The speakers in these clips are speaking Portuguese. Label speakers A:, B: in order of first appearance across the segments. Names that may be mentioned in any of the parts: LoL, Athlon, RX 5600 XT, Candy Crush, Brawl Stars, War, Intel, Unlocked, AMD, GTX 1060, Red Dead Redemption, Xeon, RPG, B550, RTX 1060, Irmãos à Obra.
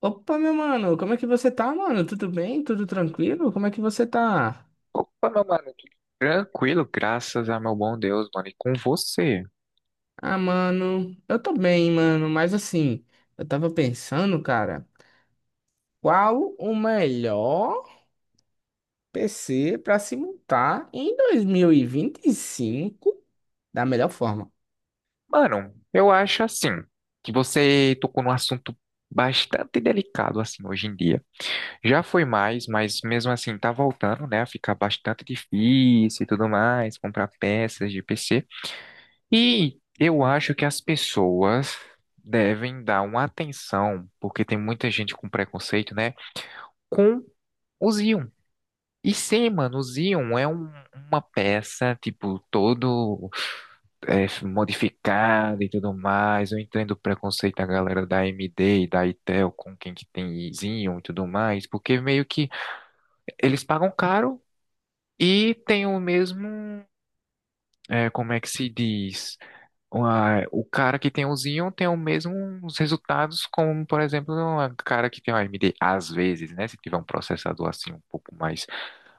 A: Opa, meu mano, como é que você tá, mano? Tudo bem? Tudo tranquilo? Como é que você tá?
B: Opa, meu mano, tudo tranquilo, graças a meu bom Deus, mano, e com você.
A: Ah, mano, eu tô bem, mano, mas assim, eu tava pensando, cara, qual o melhor PC pra se montar em 2025 da melhor forma?
B: Mano, eu acho assim, que você tocou num assunto bastante delicado, assim, hoje em dia. Já foi mais, mas mesmo assim tá voltando, né, a ficar bastante difícil e tudo mais, comprar peças de PC. E eu acho que as pessoas devem dar uma atenção, porque tem muita gente com preconceito, né, com os íons. E sim, mano, o Xeon é uma peça, tipo, todo modificada e tudo mais. Eu entendo o preconceito da galera da AMD e da Intel com quem que tem Xeon e tudo mais, porque meio que eles pagam caro e tem o mesmo, como é que se diz? O cara que tem o Xeon tem os mesmos resultados como, por exemplo, o cara que tem o AMD, às vezes, né? Se tiver um processador assim um pouco mais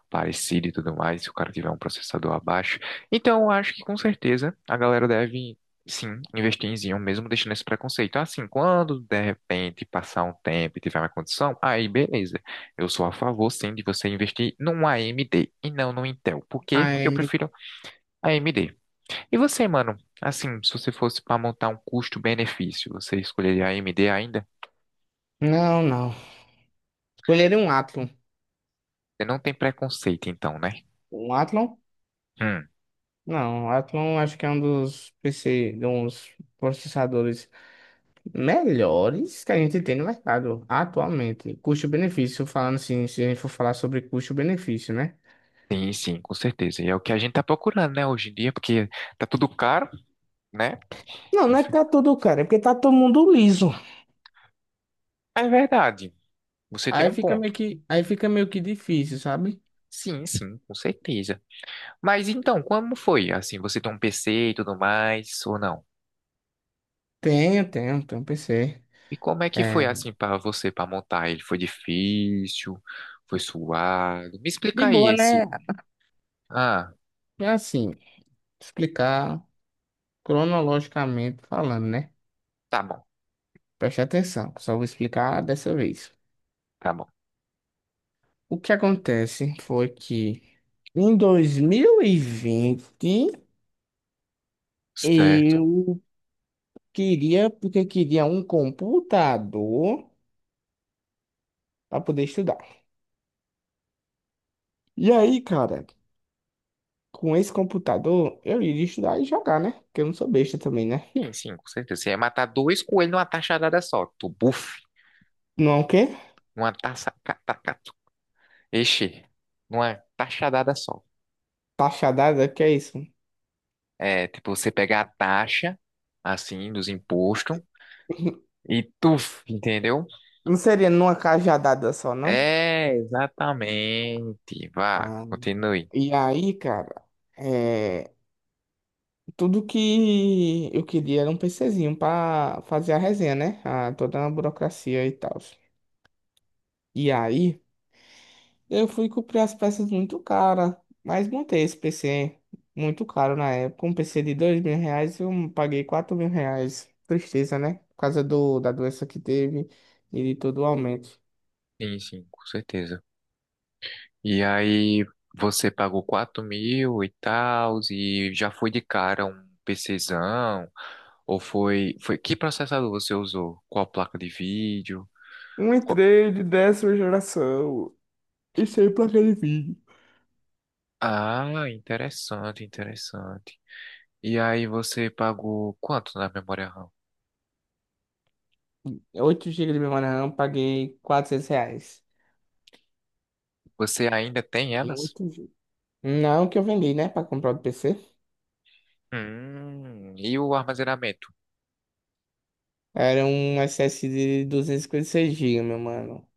B: parecido e tudo mais, se o cara tiver um processador abaixo. Então, eu acho que com certeza a galera deve, sim, investir em Xeon, mesmo deixando esse preconceito. Assim, quando de repente passar um tempo e tiver uma condição, aí beleza. Eu sou a favor, sim, de você investir num AMD e não no Intel. Por quê? Porque eu
A: Ai,
B: prefiro AMD. E você, mano? Assim, se você fosse para montar um custo-benefício, você escolheria AMD ainda?
A: não, não. Escolheria um Athlon.
B: Você não tem preconceito, então, né?
A: Um Athlon?
B: Hum.
A: Não, o Athlon acho que é um dos PC, de uns processadores melhores que a gente tem no mercado atualmente. Custo-benefício, falando assim, se a gente for falar sobre custo-benefício, né?
B: Sim, sim, com certeza. E é o que a gente tá procurando, né, hoje em dia, porque tá tudo caro, né?
A: Não, não é que
B: Enfim.
A: tá tudo caro, é porque tá todo mundo liso.
B: É verdade, você tem
A: Aí
B: um
A: fica
B: ponto.
A: meio que, aí fica meio que difícil, sabe?
B: Sim, sim, com certeza. Mas então, como foi? Assim, você tem um PC e tudo mais, ou não?
A: Tenho, tenho, tenho um PC.
B: E como é que foi,
A: É,
B: assim, para você, para montar ele? Foi difícil? Foi suado? Me
A: de
B: explica aí
A: boa, né?
B: esse. Ah,
A: É assim, explicar cronologicamente falando, né?
B: tá bom,
A: Preste atenção, só vou explicar dessa vez.
B: tá bom.
A: O que acontece foi que em 2020
B: Certo.
A: eu Queria, porque queria um computador para poder estudar. E aí, cara, com esse computador, eu iria estudar e jogar, né? Porque eu não sou besta também, né?
B: Sim, sim, com certeza. Você ia matar dois coelhos numa taxadada só. Tu, buf,
A: Não é o quê?
B: uma taça. Ixi, numa taxadada só.
A: Cajadada, que é isso?
B: É, tipo, você pega a taxa, assim, dos impostos e tuf, entendeu?
A: Não seria numa cajadada só, não?
B: É, exatamente. Vá,
A: Ah,
B: continue.
A: e aí, cara, é, tudo que eu queria era um PCzinho pra fazer a resenha, né? Ah, toda a burocracia e tal. E aí, eu fui comprar as peças muito cara, mas montei esse PC muito caro na época. Um PC de dois mil reais, eu paguei quatro mil reais. Tristeza, né? Por causa da doença que teve e de todo o aumento.
B: Sim, sim, com certeza. E aí, você pagou 4 mil e tal, e já foi de cara um PCzão, ou foi... Que processador você usou? Qual placa de vídeo?
A: Um
B: Qual-
A: entrei de décima geração e sem placa de vídeo.
B: Ah, interessante, interessante. E aí você pagou quanto na memória RAM?
A: Oito GB de memória RAM, paguei 400 reais.
B: Você ainda tem
A: Em
B: elas?
A: 8 GB. Não que eu vendi, né, pra comprar o PC.
B: E o armazenamento?
A: Era um SS de 256 gigas, meu mano.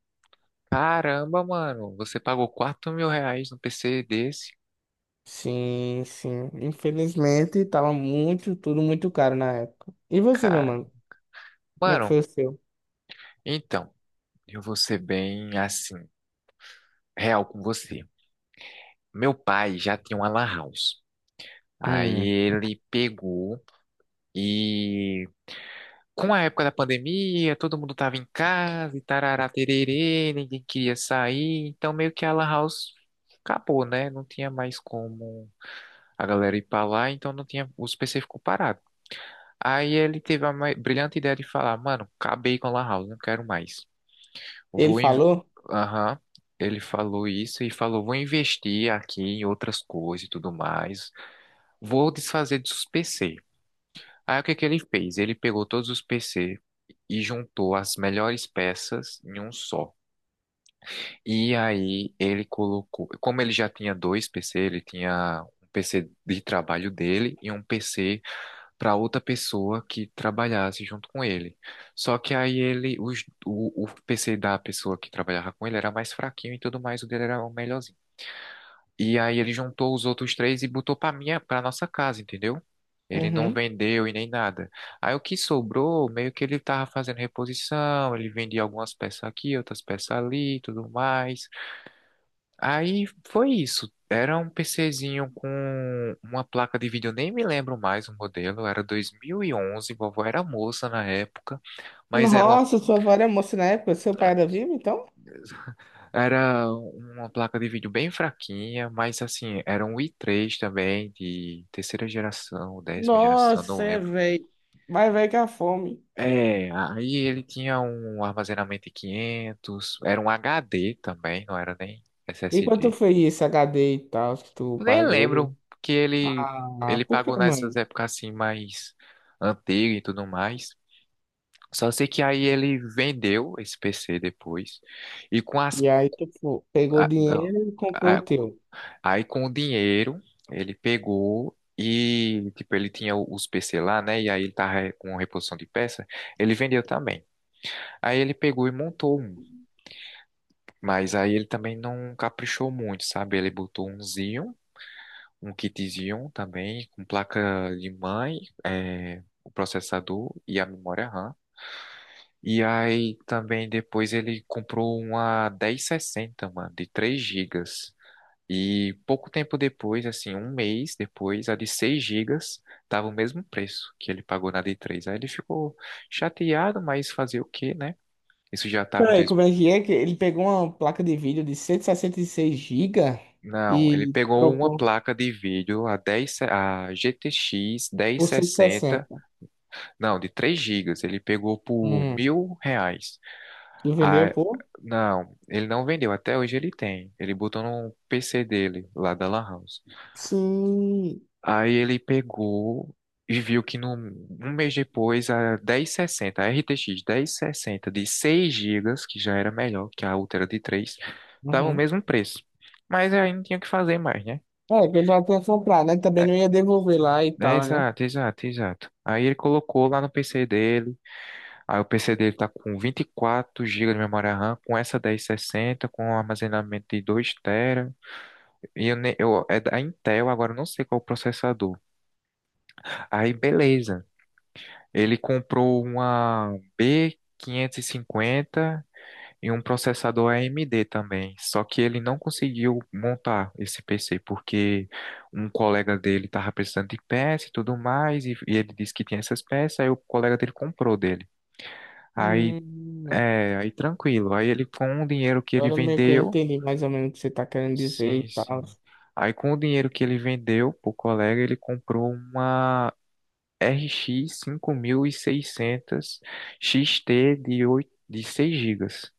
B: Caramba, mano, você pagou R$ 4.000 no PC desse?
A: Sim, sim. Infelizmente, tava muito, tudo muito caro na época. E você, meu
B: Cara.
A: mano? Como é que
B: Mano,
A: foi o seu?
B: então, eu vou ser bem assim, real com você. Meu pai já tinha uma lan house. Aí
A: Hum.
B: ele pegou e com a época da pandemia, todo mundo tava em casa e tarará tererê, ninguém queria sair, então meio que a Lan House acabou, né? Não tinha mais como a galera ir pra lá, então não tinha, o PC ficou parado. Aí ele teve a brilhante ideia de falar, mano, acabei com a Lan House, não quero mais.
A: Ele
B: Vou, in-
A: falou?
B: aham, ele falou isso e falou, vou investir aqui em outras coisas e tudo mais, vou desfazer dos PC. Aí o que que ele fez? Ele pegou todos os PC e juntou as melhores peças em um só. E aí ele colocou, como ele já tinha dois PC, ele tinha um PC de trabalho dele e um PC para outra pessoa que trabalhasse junto com ele. Só que aí ele, o PC da pessoa que trabalhava com ele era mais fraquinho e tudo mais, o dele era o melhor e aí ele juntou os outros três e botou pra nossa casa, entendeu? Ele não
A: Uhum.
B: vendeu e nem nada. Aí o que sobrou, meio que ele tava fazendo reposição, ele vendia algumas peças aqui, outras peças ali, e tudo mais. Aí foi isso. Era um PCzinho com uma placa de vídeo, eu nem me lembro mais o modelo, era 2011, vovó era moça na época, mas era uma
A: Nossa, sua avó era moça na época, seu pai era vivo, então?
B: Era uma placa de vídeo bem fraquinha, mas assim, era um i3 também, de terceira geração, 10ª geração, não
A: Nossa, é,
B: lembro.
A: velho. Mas velho que a fome.
B: É, aí ele tinha um armazenamento de 500, era um HD também, não era nem
A: E quanto
B: SSD.
A: foi esse HD e tal que tu
B: Nem
A: pagou?
B: lembro que ele,
A: Ah,
B: ele
A: por que,
B: pagou nessas
A: mano?
B: épocas assim mais antigas e tudo mais. Só sei que aí ele vendeu esse PC depois, e com as...
A: E aí tu pegou o
B: não,
A: dinheiro e comprou
B: a-
A: o teu.
B: Aí com o dinheiro, ele pegou e, tipo, ele tinha o- os PC lá, né? E aí ele tava com reposição de peça, ele vendeu também. Aí ele pegou e montou um, mas aí ele também não caprichou muito, sabe? Ele botou um Xeon, um kit Xeon também, com placa de mãe, o processador e a memória RAM. E aí também depois ele comprou uma 1060, mano, de 3 gigas. E pouco tempo depois, assim, um mês depois, a de 6 gigas estava o mesmo preço que ele pagou na de 3. Aí ele ficou chateado, mas fazer o quê, né? Isso já estava em
A: Peraí,
B: dois...
A: como é que ele pegou uma placa de vídeo de cento e sessenta e seis gigas
B: Não, ele
A: e
B: pegou uma
A: trocou?
B: placa de vídeo, a 10, a GTX
A: Por cento e
B: 1060,
A: sessenta.
B: não, de 3 gigas, ele pegou por
A: Hum.
B: R$ 1.000.
A: E vendeu
B: A,
A: por?
B: não, ele não vendeu, até hoje ele tem. Ele botou no PC dele, lá da Lan House.
A: Sim.
B: Aí ele pegou e viu que no um mês depois a 1060, a RTX 1060 de 6 gigas que já era melhor que a outra era de 3 estava o
A: Uhum.
B: mesmo preço. Mas aí não tinha o que fazer mais, né?
A: É, que eu já tinha comprado, né? Também
B: É,
A: não ia devolver lá e
B: é,
A: tal, né?
B: exato, exato, exato. Aí ele colocou lá no PC dele. Aí o PC dele tá com 24 gigas de memória RAM, com essa 1060, com um armazenamento de 2 TB. E eu, é da Intel, agora eu não sei qual é o processador. Aí beleza. Ele comprou uma B550 e cinquenta e um processador AMD também. Só que ele não conseguiu montar esse PC porque um colega dele estava precisando de peça e tudo mais, e ele disse que tinha essas peças, aí o colega dele comprou dele. Aí,
A: Hum.
B: aí tranquilo. Aí ele com o dinheiro que ele
A: Agora meio que eu
B: vendeu,
A: entendi mais ou menos o que você tá querendo dizer e
B: sim,
A: tal.
B: sim. Aí com o dinheiro que ele vendeu pro colega, ele comprou uma RX 5600 XT de, 8 de 6 gigas,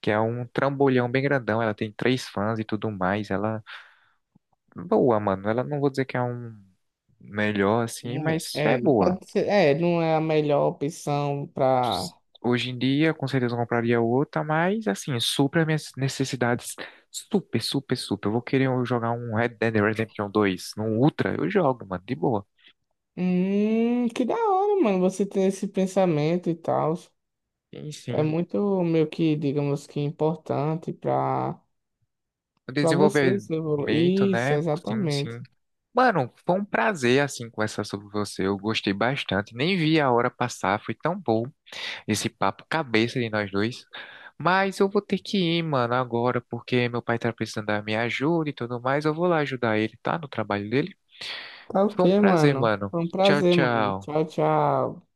B: que é um trambolhão bem grandão. Ela tem três fãs e tudo mais. Ela boa, mano. Ela não vou dizer que é um melhor assim,
A: Não.
B: mas
A: É,
B: é
A: é,
B: boa.
A: pode ser, é, não é a melhor opção pra.
B: Hoje em dia, com certeza eu compraria outra, mas assim, supra as minhas necessidades. Super, super, super. Eu vou querer jogar um Red Dead Redemption 2 no Ultra, eu jogo, mano, de boa.
A: Que da hora, mano, você ter esse pensamento e tal.
B: Sim.
A: É
B: Sim.
A: muito meio que, digamos que importante pra,
B: O
A: pra vocês
B: desenvolvimento,
A: evoluir. Isso,
B: né? Sim,
A: exatamente.
B: sim. Mano, foi um prazer, assim, conversar sobre você. Eu gostei bastante. Nem vi a hora passar. Foi tão bom esse papo cabeça de nós dois. Mas eu vou ter que ir, mano, agora, porque meu pai tá precisando da minha ajuda e tudo mais. Eu vou lá ajudar ele, tá? No trabalho dele.
A: Tá ok,
B: Foi um prazer,
A: mano.
B: mano.
A: Foi um
B: Tchau,
A: prazer, mano.
B: tchau.
A: Tchau, tchau.